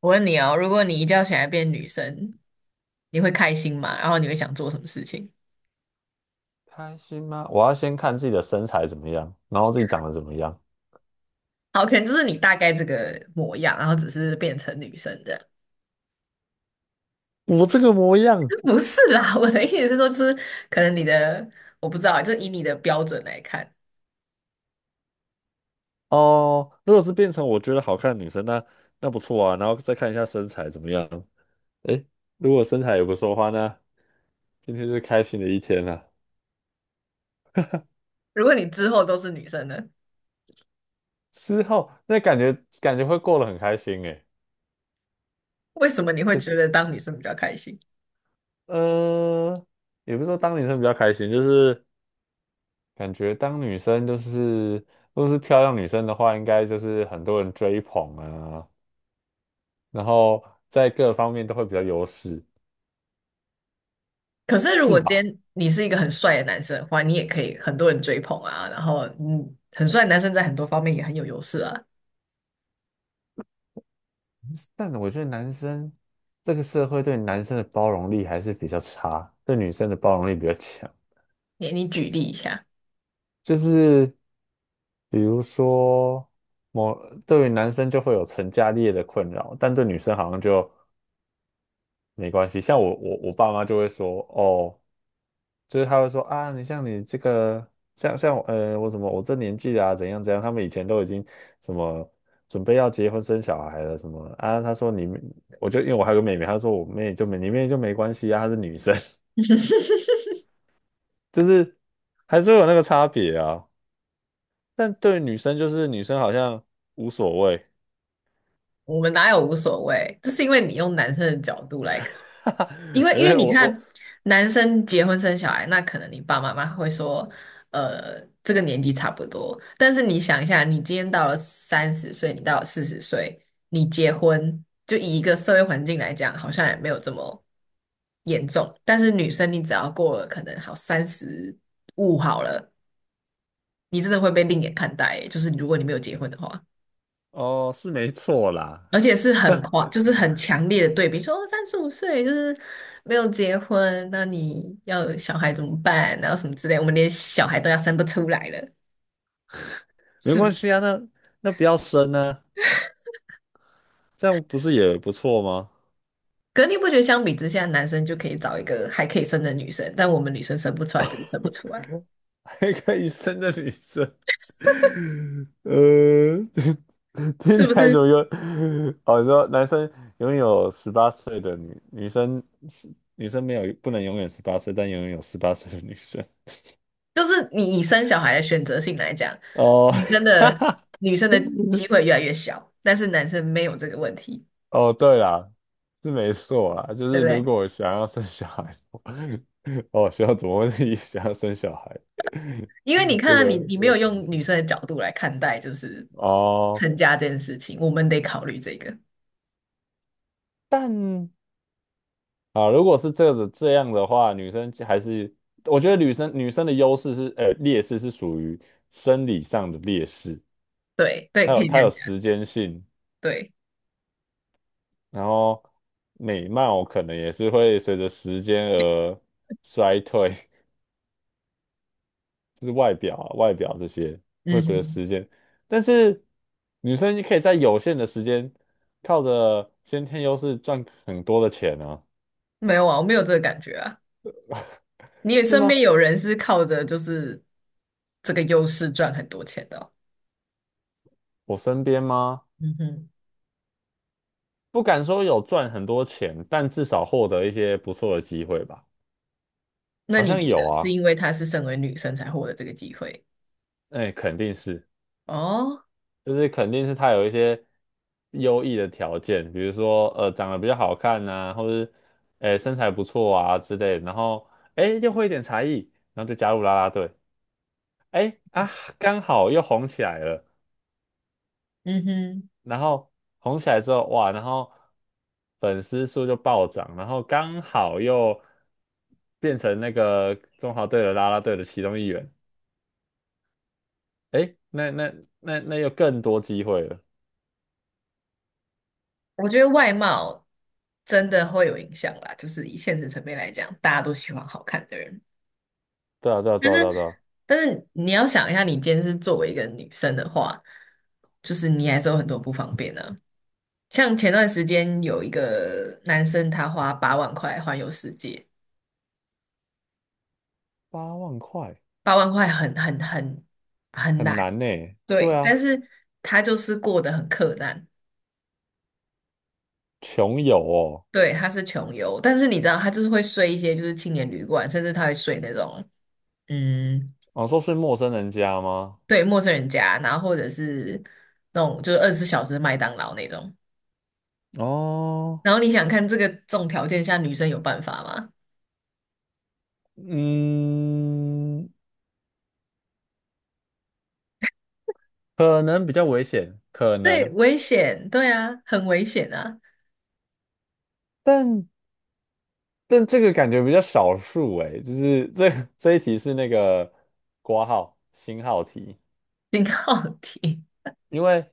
我问你哦，如果你一觉醒来变女生，你会开心吗？然后你会想做什么事情？开心吗？我要先看自己的身材怎么样，然后自己长得怎么样。好，可能就是你大概这个模样，然后只是变成女生这样。我这个模样。 不是啦，我的意思是说，就是可能你的，我不知道，就以你的标准来看，哦，如果是变成我觉得好看的女生，那不错啊。然后再看一下身材怎么样。诶，如果身材也不错的话，那今天就是开心的一天了。如果你之后都是女生呢，之后那感觉会过得很开心诶。为什么你会不觉是，得当女生比较开心？呃，也不是说当女生比较开心，就是感觉当女生就是如果是漂亮女生的话，应该就是很多人追捧啊，然后在各方面都会比较优势。可是如是果今吧？天你是一个很帅的男生的话，你也可以很多人追捧啊，然后很帅的男生在很多方面也很有优势啊。但我觉得男生，这个社会对男生的包容力还是比较差，对女生的包容力比较强。你举例一下。就是比如说，某对于男生就会有成家立业的困扰，但对女生好像就没关系。像我爸妈就会说，哦。就是他会说啊，你像你这个，像我，我什么，我这年纪啊，怎样怎样，他们以前都已经什么准备要结婚生小孩了什么啊。他说你，我就因为我还有个妹妹，他说我妹就没你妹就没关系啊，她是女生。就是还是会有那个差别啊。但对于女生就是女生好像无所谓。我们哪有无所谓？这是因为你用男生的角度来看，因 为因因为为你我我看男生结婚生小孩，那可能你爸妈妈会说，这个年纪差不多。但是你想一下，你今天到了30岁，你到了40岁，你结婚，就以一个社会环境来讲，好像也没有这么严重。但是女生，你只要过了可能好三十五好了，你真的会被另眼看待欸，就是如果你没有结婚的话。哦，是没错啦。而且是很夸，就是很强烈的对比，说哦35岁就是没有结婚，那你要有小孩怎么办？然后什么之类，我们连小孩都要生不出来了，没是不关是？系啊，那不要生啊，这样不是也不错吗？可是你不觉得相比之下，男生就可以找一个还可以生的女生，但我们女生生不出来就是生不出来，开个医生的女生，呃，听是起不来是？怎么有？哦，你说男生拥有十八岁的女生。是，女生没有不能永远十八岁，但永远有十八岁的女生。就是你以生小孩的选择性来讲，哦。女生的女生的 机会越来越小，但是男生没有这个问题，哦，对啦，是没错啦，就对是不如对？果我想要生小孩。哦，需要怎么会自己想要生小孩？因为你 看这啊个你这没个有前用女提。生的角度来看待就是哦，成家这件事情，我们得考虑这个。但啊，如果是这样的话，女生还是，我觉得女生的优势是，劣势，是属于生理上的劣势。对对，它可有以这它样有讲。时间性，对，然后美貌可能也是会随着时间而衰退。就是外表这些会嗯随着哼，时间，但是女生可以在有限的时间靠着先天优势赚很多的钱啊。没有啊，我没有这个感觉啊。你也是身吗？边有人是靠着就是这个优势赚很多钱的哦我身边吗？嗯哼，不敢说有赚很多钱，但至少获得一些不错的机会吧。那好你像觉得有是啊，因为她是身为女生才获得这个机会？哎，肯定是。哦，就是肯定是他有一些优异的条件，比如说，长得比较好看呐、或者哎身材不错啊之类的，然后哎又会一点才艺，然后就加入啦啦队。哎啊，刚好又红起来了，嗯哼，然后红起来之后，哇，然后粉丝数就暴涨，然后刚好又变成那个中华队的啦啦队的其中一员。诶，那又更多机会了。我觉得外貌真的会有影响啦，就是以现实层面来讲，大家都喜欢好看的人。对啊，对啊，对啊，对啊，对啊，但是你要想一下，你今天是作为一个女生的话，就是你还是有很多不方便呢。像前段时间有一个男生，他花八万块环游世界，8万块八万块很很难，难呢。对对，但啊，是他就是过得很克难，穷游哦。对，他是穷游，但是你知道，他就是会睡一些就是青年旅馆，甚至他会睡那种嗯，哦，说是陌生人家吗？对，陌生人家，然后或者是那种就是24小时麦当劳那种。哦，然后你想看这个这种条件下，女生有办法吗？嗯，可能比较危险，可对，能，危险，对啊，很危险啊，但但这个感觉比较少数诶。就是这 这一题是那个括号星号题，挺好题。因为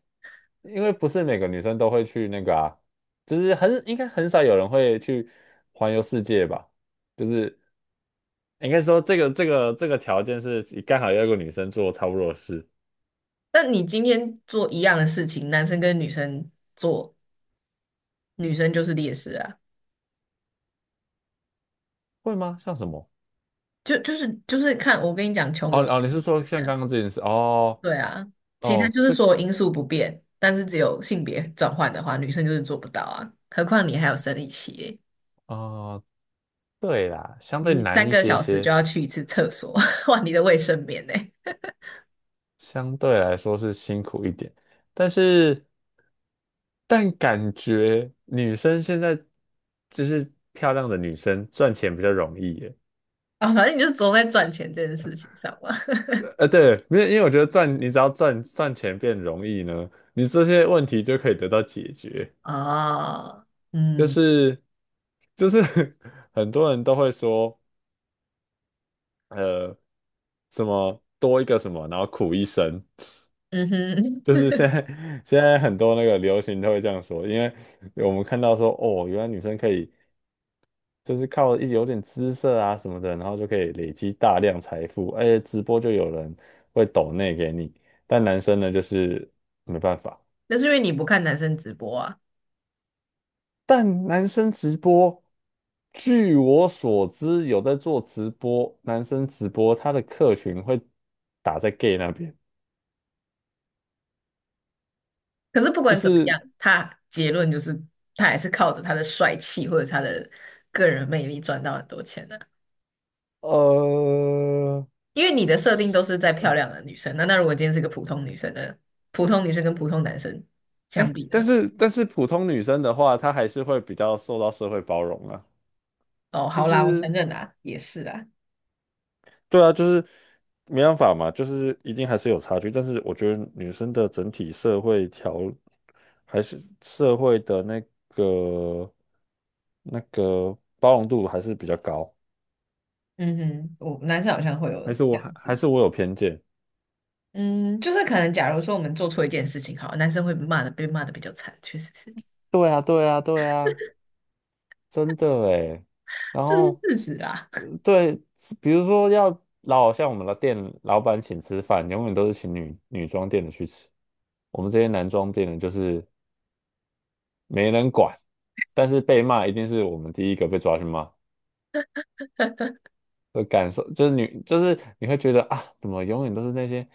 因为不是每个女生都会去那个啊，就是应该很少有人会去环游世界吧，就是应该说这个条件是刚好要一个女生做差不多的事。那你今天做一样的事情，男生跟女生做，女生就是劣势啊，会吗？像什么？就是看我跟你讲，穷哦游哦，你是说像啊，刚刚这件事？哦对啊，其他哦，就是这个，说因素不变，但是只有性别转换的话，女生就是做不到啊。何况你还有生理期耶，哦，对啦，相你对你难三一个些小时就些。要去一次厕所，换你的卫生棉呢。相对来说是辛苦一点。但是但感觉女生现在就是漂亮的女生赚钱比较容易耶。啊，反正你就总在赚钱这件事情上嘛。对，没有，因为我觉得赚，你只要赚钱变容易呢，你这些问题就可以得到解决。啊，就嗯 是就是 很多人都会说，呃，什么多一个什么，然后苦一生。嗯哼，就是现在很多那个流行都会这样说，因为我们看到说，哦，原来女生可以，就是靠有点姿色啊什么的，然后就可以累积大量财富，而且直播就有人会抖内给你。但男生呢，就是没办法。那是因为你不看男生直播啊。但男生直播，据我所知，有在做直播，男生直播他的客群会打在 gay 那边。可是不就管怎么是样，他结论就是他还是靠着他的帅气或者他的个人魅力赚到很多钱的、呃。因为你的设定都是在漂亮的女生，那如果今天是个普通女生呢？普通女生跟普通男生相哎，比但呢？是但是普通女生的话，她还是会比较受到社会包容啊。哦，就好啦，我承是认啦，也是啦。对啊，就是没办法嘛，就是一定还是有差距，但是我觉得女生的整体社会条还是社会的个那个包容度还是比较高。嗯哼，我男生好像会有还是这我还样还子。是我有偏见。嗯，就是可能，假如说我们做错一件事情，好了男生会骂的，被骂的比较惨，确实是，对啊，对啊，对啊。真的诶，然这是后，事实啦。对，比如说像我们的店老板请吃饭，永远都是请女装店的去吃，我们这些男装店的就是没人管，但是被骂一定是我们第一个被抓去骂的感受。就是就是你会觉得啊，怎么永远都是那些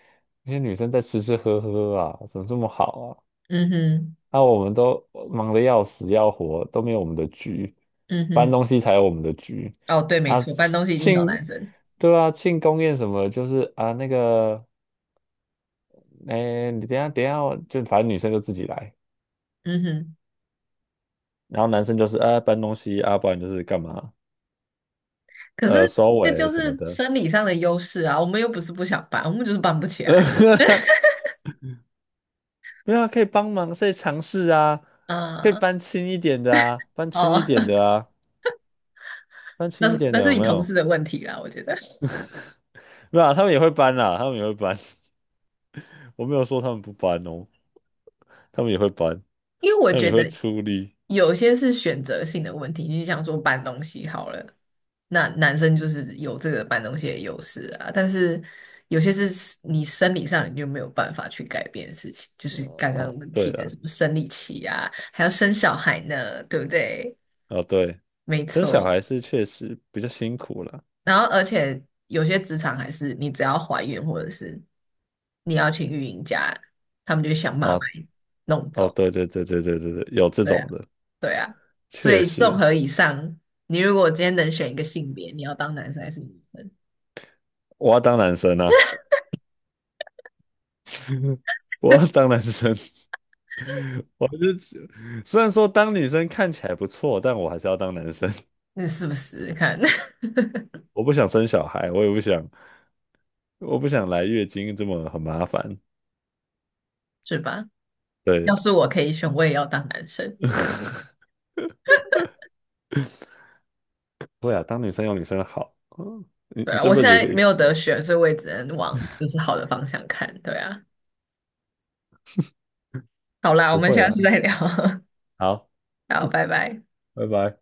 那些女生在吃吃喝喝啊，怎么这么好啊？嗯哼，那，我们都忙得要死要活，都没有我们的局，嗯搬哼，东西才有我们的局哦，对，没啊。错，搬东西一定找庆，男生。对啊，庆功宴什么就是啊那个，哎，你等一下等一下哦，就反正女生就自己来，嗯哼，然后男生就是啊搬东西啊，不然就是干嘛，可是收这尾就什么是的。生理上的优势啊，我们又不是不想搬，我们就是搬不起来。没有啊，可以帮忙，可以尝试啊，可以啊、搬轻一点的啊，搬轻一哦，点的啊，搬 轻那一是点那的是有你没同有？事的问题啦，我觉得。没有啊，他们也会搬啦，他们也会搬。我没有说他们不搬哦。他们也会搬，因为我他们觉也会得出力。有些是选择性的问题，你就想说搬东西好了，那男生就是有这个搬东西的优势啊，但是有些是你生理上你就没有办法去改变的事情，就是刚刚哦，我们对提的了，什么生理期啊，还要生小孩呢，对不对？哦对，没生小错，孩是确实比较辛苦了。然后而且有些职场还是你只要怀孕或者是你要请育婴假，他们就想办法把哦你弄哦，走。对对对对对对对，有这对种啊。的，对啊，所确以综实。合以上，你如果今天能选一个性别，你要当男生还是女生？我要当男生啊，我要当男生。我是虽然说当女生看起来不错，但我还是要当男生。你是不是看 我不想生小孩，我也不想，我不想来月经，这么很麻烦。是吧？对要啊。是我可以选，我也要当男生。会啊，当女生有女生的好。嗯，你对你啊，这我辈现子在可没以，有得选，所以我也只能往就是好的方向看。对啊，好啦，我不们会下啊。次再聊。好，好，拜拜。拜拜。